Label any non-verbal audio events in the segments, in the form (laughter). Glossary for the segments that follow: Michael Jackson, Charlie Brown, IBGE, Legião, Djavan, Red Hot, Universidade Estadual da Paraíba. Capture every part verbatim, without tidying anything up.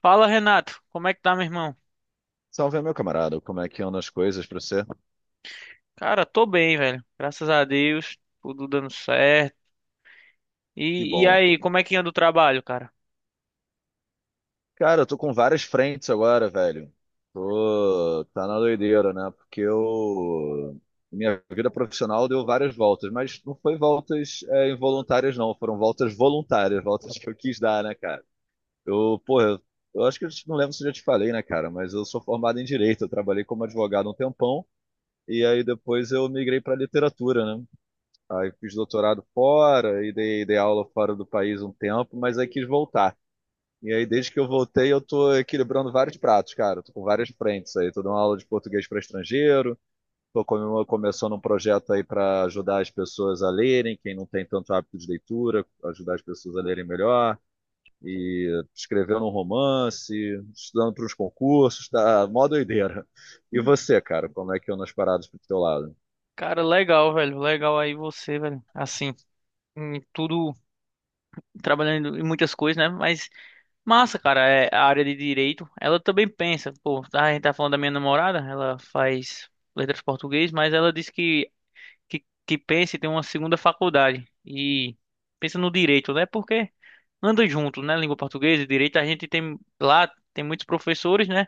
Fala, Renato. Como é que tá, meu irmão? Salve, meu camarada. Como é que andam as coisas pra você? Cara, tô bem, velho. Graças a Deus, tudo dando certo. Que E, e bom, que aí, bom. como é que anda o trabalho, cara? Cara, eu tô com várias frentes agora, velho. Tô... Tá na doideira, né? Porque eu... Minha vida profissional deu várias voltas, mas não foi voltas é, involuntárias, não. Foram voltas voluntárias, voltas que eu quis dar, né, cara? Eu, porra, eu eu acho que eu te- não lembro se eu já te falei, né, cara? Mas eu sou formado em Direito. Eu trabalhei como advogado um tempão. E aí depois eu migrei pra literatura, né? Aí fiz doutorado fora e dei, dei aula fora do país um tempo, mas aí quis voltar. E aí, desde que eu voltei, eu tô equilibrando vários pratos, cara. Eu tô com várias frentes aí. Tô dando aula de português para estrangeiro, tô come- começando um projeto aí para ajudar as pessoas a lerem, quem não tem tanto hábito de leitura, ajudar as pessoas a lerem melhor. E escrevendo um romance, estudando para uns concursos, tá mó doideira. E Hum. você, cara, como é que eu nas paradas pro teu lado? Cara, legal, velho. Legal aí você, velho. Assim, em tudo, trabalhando em muitas coisas, né? Mas massa, cara, é a área de direito. Ela também pensa, pô, tá, a gente tá falando da minha namorada, ela faz letras português, mas ela disse que, que, que pensa em ter uma segunda faculdade. E pensa no direito, né? Porque anda junto, né? Língua portuguesa e direito, a gente tem lá tem muitos professores, né?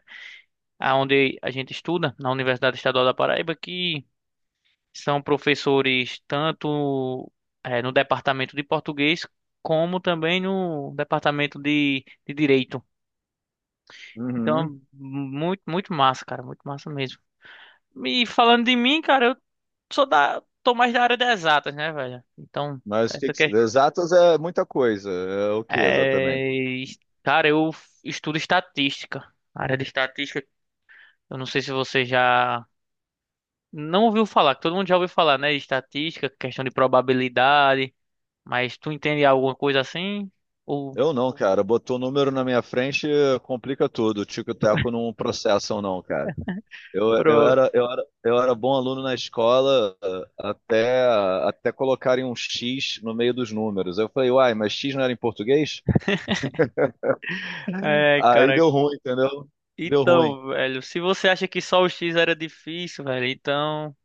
Aonde a gente estuda na Universidade Estadual da Paraíba que são professores tanto eh, no departamento de português como também no departamento de, de direito. Uhum. Então, muito muito massa, cara, muito massa mesmo. E falando de mim, cara, eu sou da tô mais da área das exatas, né, velho? Então, Mas que essa que- questão exatas é muita coisa. É o que exatamente? é, cara, eu estudo estatística. A área de estatística. Eu não sei se você já não ouviu falar, que todo mundo já ouviu falar, né? Estatística, questão de probabilidade, mas tu entende alguma coisa assim? Ou Eu não, cara. Botou o número na minha frente, complica tudo. O Tico e Teco não processam, não, cara. Eu, eu Pro... era, eu era, eu era bom aluno na escola eh, até, até colocarem um X no meio dos números. Eu falei, uai, mas X não era em português? É, Aí cara. deu ruim, entendeu? Deu ruim. Então, velho, se você acha que só o X era difícil, velho, então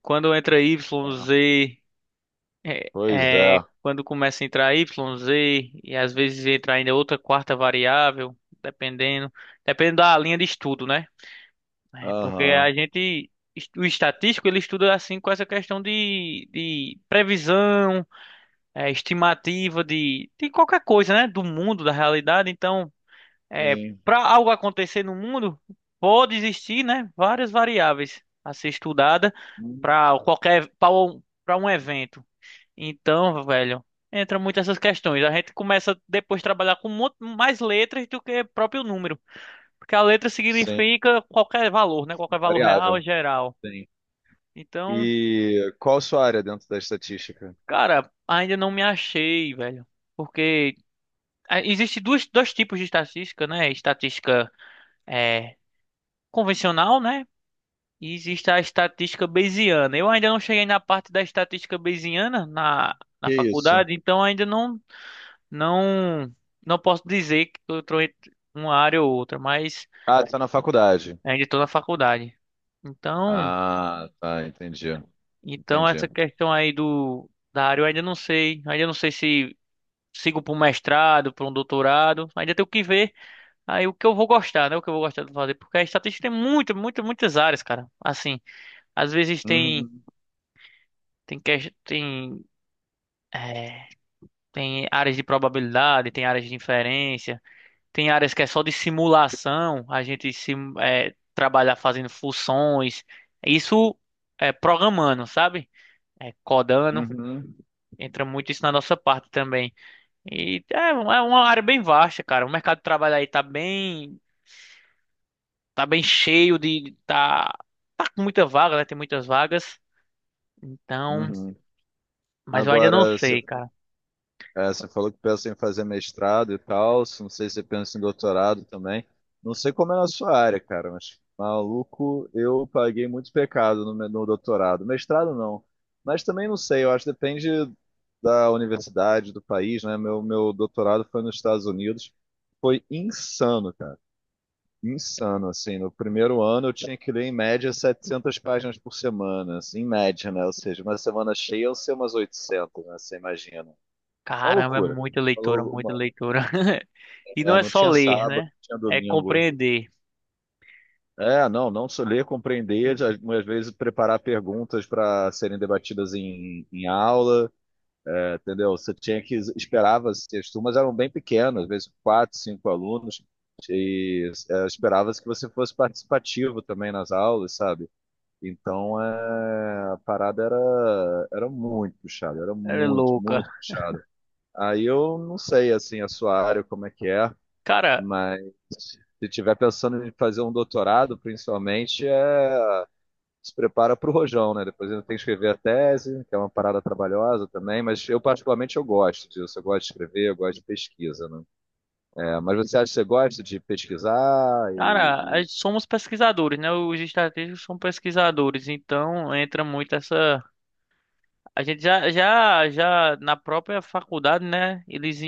quando entra Y, Z, é, Pois é, é. quando começa a entrar Y, Z, e às vezes entra ainda outra quarta variável, dependendo, dependendo da linha de estudo, né? É, porque Aham. a gente, o estatístico, ele estuda assim com essa questão de, de previsão, é, estimativa de, de qualquer coisa, né? Do mundo, da realidade. Então, é, Sim. para algo acontecer no mundo, pode existir, né? Várias variáveis a ser estudada para qualquer, para um evento. Então, velho, entra muito essas questões. A gente começa depois a trabalhar com muito mais letras do que próprio número. Porque a letra Sim. significa qualquer valor, né? Qualquer valor real, Variável. geral. Sim. Então, E qual a sua área dentro da estatística? cara, ainda não me achei, velho. Porque ah, existe duas, dois tipos de estatística, né? Estatística é, convencional, né? E existe a estatística bayesiana. Eu ainda não cheguei na parte da estatística bayesiana na, na Isso. faculdade, então ainda não, não, não posso dizer que eu estou entre uma área ou outra, mas Ah, está na faculdade. ainda estou na faculdade. Então. Ah, tá, entendi. Então essa Entendi. questão aí do da área eu ainda não sei, ainda não sei se sigo para um mestrado, para um doutorado, ainda tenho que ver aí o que eu vou gostar, né? O que eu vou gostar de fazer, porque a estatística tem muito, muito, muitas áreas, cara. Assim, às vezes tem Uhum, tem ques- tem é, tem áreas de probabilidade, tem áreas de inferência, tem áreas que é só de simulação, a gente sim, é, trabalhar fazendo funções, isso é programando, sabe? É, codando, uhum, entra muito isso na nossa parte também. E é, um- é uma área bem vasta, cara. O mercado de trabalho aí tá bem, tá bem cheio de, tá, tá com muita vaga, né? Tem muitas vagas. Então, uhum. mas eu ainda não Agora, você, sei, cara. é, você falou que pensa em fazer mestrado e tal. Se Não sei se você pensa em doutorado também. Não sei como é na sua área, cara, mas maluco, eu paguei muito pecado no, me- no doutorado. Mestrado não. Mas também não sei, eu acho que depende da universidade, do país, né? Meu, meu doutorado foi nos Estados Unidos. Foi insano, cara. Insano, assim, no primeiro ano eu tinha que ler em média setecentas páginas por semana, assim, em média, né, ou seja, uma semana cheia eu sei umas oitocentas, né, você imagina. É uma Caramba, é loucura. muita Uma leitura, lou- muita uma- leitura. (laughs) E não é, é não só tinha ler, sábado, não né? tinha É domingo. compreender. É, não, não só ler, compreender, É às às vezes preparar perguntas para serem debatidas em, em aula, entendeu? Você tinha que esperava, se as turmas eram bem pequenas, às vezes quatro, cinco alunos, e é, esperava-se que você fosse participativo também nas aulas, sabe? Então, é, a parada era, era muito puxada, era é muito, louca. muito puxada. Aí eu não sei, assim, a sua área, como é que é, Cara, mas se tiver pensando em fazer um doutorado, principalmente, é, se prepara para o rojão, né? Depois ainda tem que escrever a tese, que é uma parada trabalhosa também, mas eu particularmente eu gosto disso, eu gosto de escrever, eu gosto de pesquisa, né? É, mas você acha que você gosta de pesquisar? cara, a E... gente somos pesquisadores, né? Os estratégicos são pesquisadores, então entra muito essa. A gente já, já, já na própria faculdade, né? Eles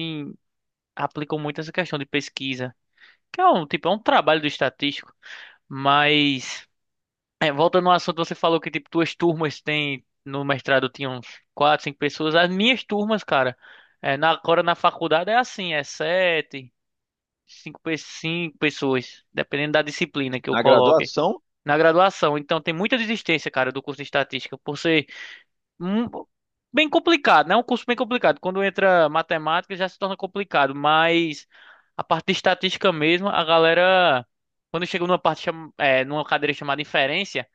aplicam muito essa questão de pesquisa, que é um tipo, é um trabalho do estatístico, mas é, voltando ao assunto, você falou que tipo tuas turmas têm no mestrado tinham uns quatro, cinco pessoas, as minhas turmas, cara, é, na, agora na faculdade é assim, é sete, cinco, pe- cinco pessoas, dependendo da disciplina que eu Na coloque. graduação, Na graduação, então tem muita desistência, cara, do curso de estatística, por ser hum, bem complicado, né? É um curso bem complicado. Quando entra matemática já se torna complicado, mas a parte de estatística mesmo, a galera, quando chega numa parte, cham- é, numa cadeira chamada inferência,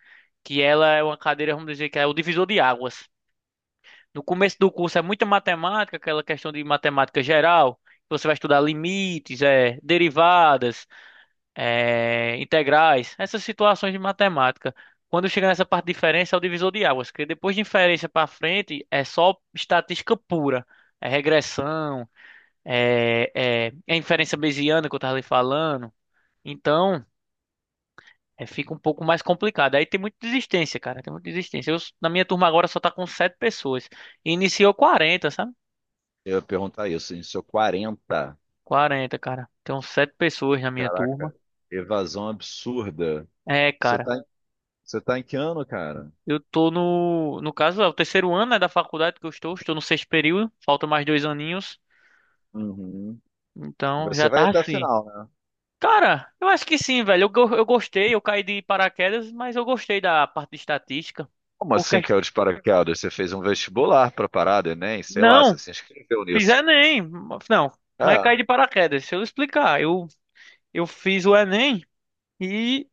que ela é uma cadeira, vamos dizer que é o divisor de águas. No começo do curso é muita matemática, aquela questão de matemática geral, que você vai estudar limites, é, derivadas, eh, integrais, essas situações de matemática. Quando chega nessa parte de diferença, é o divisor de águas, porque depois de inferência para frente é só estatística pura, é regressão, é, é, é inferência bayesiana que eu estava lhe falando. Então, é, fica um pouco mais complicado. Aí tem muita desistência, cara, tem muita desistência. Eu, na minha turma agora só tá com sete pessoas. E iniciou quarenta, sabe? eu ia perguntar isso, em seu quarenta. Quarenta, cara. Tem uns sete pessoas na minha turma. Caraca, evasão absurda. É, Você cara. tá, em- você tá em que ano, cara? Eu tô no, no caso, é o terceiro ano, né, da faculdade que eu estou, estou, no sexto período, falta mais dois aninhos, Uhum. E então você já vai tá até a assim. final, né? Cara, eu acho que sim, velho. Eu, go- eu gostei, eu caí de paraquedas, mas eu gostei da parte de estatística. Como Porque... assim que é o de paraquedas? Você fez um vestibular pra parada, Enem? Sei lá, você Não, se inscreveu fiz nisso. Enem, não, mas É, caí de paraquedas. Deixa eu explicar. Eu, eu fiz o Enem e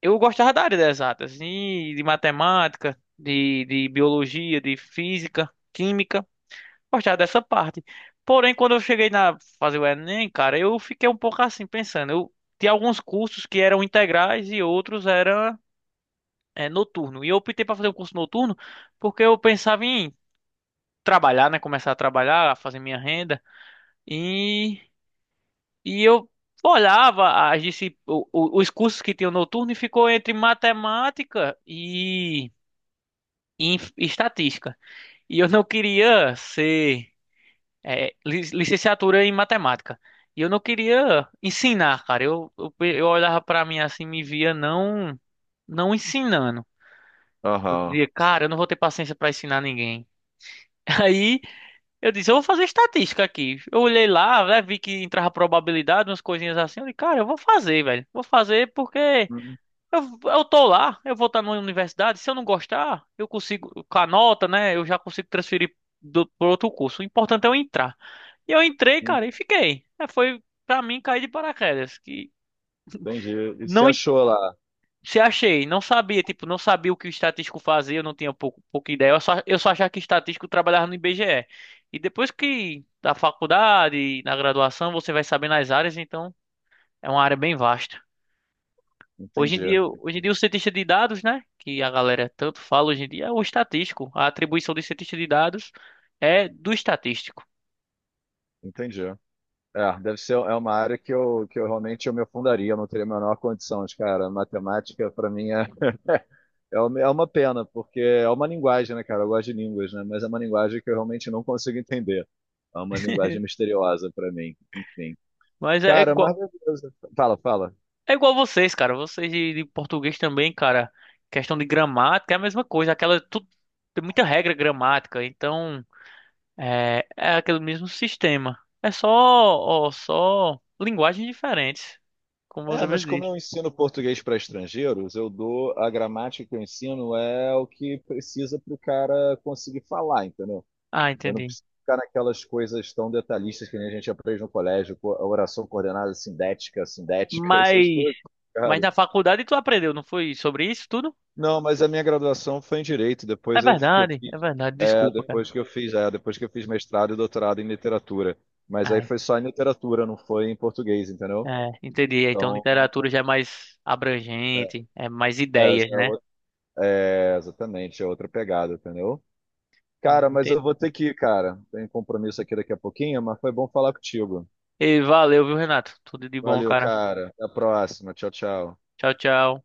eu gostava da área das exatas, e de matemática, de, de biologia, de física, química. Gostar dessa parte. Porém, quando eu cheguei na fazer o Enem, cara, eu fiquei um pouco assim pensando. Eu tinha alguns cursos que eram integrais e outros eram é, noturno. E eu optei para fazer o curso noturno porque eu pensava em trabalhar, né, começar a trabalhar, fazer minha renda e e eu olhava as disci- o- o- os cursos que tinham noturno e ficou entre matemática e e inf- e estatística. E eu não queria ser é, li- licenciatura em matemática. E eu não queria ensinar, cara. Eu, eu, eu olhava pra mim assim, me via não não ensinando. Eu aham. dizia, cara, eu não vou ter paciência pra ensinar ninguém. (laughs) Aí eu disse, eu vou fazer estatística aqui. Eu olhei lá, né, vi que entrava probabilidade, umas coisinhas assim. Eu disse, cara, eu vou fazer, velho. Vou fazer porque Uhum. eu, eu tô lá, eu vou estar numa universidade. Se eu não gostar, eu consigo, com a nota, né, eu já consigo transferir do, pro outro curso. O importante é eu entrar. E eu entrei, cara, e fiquei. É, foi pra mim cair de paraquedas, que Entendi. E se não en- achou lá? se achei, não sabia, tipo, não sabia o que o estatístico fazia, eu não tinha pouco, pouca ideia. Eu só, eu só achava que estatístico trabalhava no I B G E. E E depois que da faculdade, na graduação, você vai saber nas áreas, então é uma área bem vasta. Hoje em Entendi, dia, hoje em dia o cientista de dados, né, que a galera tanto fala hoje em dia, é o estatístico. A atribuição de cientista de dados é do estatístico. entendi. É, deve ser, é uma área que eu, que eu realmente eu me afundaria, eu não teria a menor condição de, cara, matemática pra mim é... (laughs) É uma é uma pena, porque é uma linguagem, né, cara? Eu gosto de línguas, né? Mas é uma linguagem que eu realmente não consigo entender. É uma linguagem misteriosa pra mim, enfim. Mas é Cara, igual, mas beleza. Fala, fala. é igual vocês, cara. Vocês de, de português também, cara. Questão de gramática é a mesma coisa. Aquela, tudo, tem muita regra gramática. Então, é, é aquele mesmo sistema. É só, ó, só linguagens diferentes, como você É, mas mesmo como disse. eu ensino português para estrangeiros, eu dou a gramática que eu ensino é o que precisa para o cara conseguir falar, entendeu? Ah, Eu não entendi. preciso ficar naquelas coisas tão detalhistas que nem a gente aprende no colégio, co- oração coordenada sindética, sindética, (laughs) essas Mas, coisas. mas Cara, na faculdade tu aprendeu, não foi sobre isso tudo? não, mas a minha graduação foi em direito. É Depois eu, que eu verdade, fiz, é verdade. é, Desculpa, cara. depois que eu fiz, é, depois que eu fiz mestrado e doutorado em literatura. Mas aí Ai, foi só em literatura, não foi em português, entendeu? é, entendi. Então Então, literatura já é mais abrangente, é mais é, ideias, é né? o- é, exatamente, é outra pegada, entendeu? Não Cara, mas eu entendi. vou ter que ir, cara. Tem compromisso aqui daqui a pouquinho, mas foi bom falar contigo. E valeu, viu, Renato? Tudo de bom, Valeu, cara. cara. Até a próxima. Tchau, tchau. Tchau, tchau.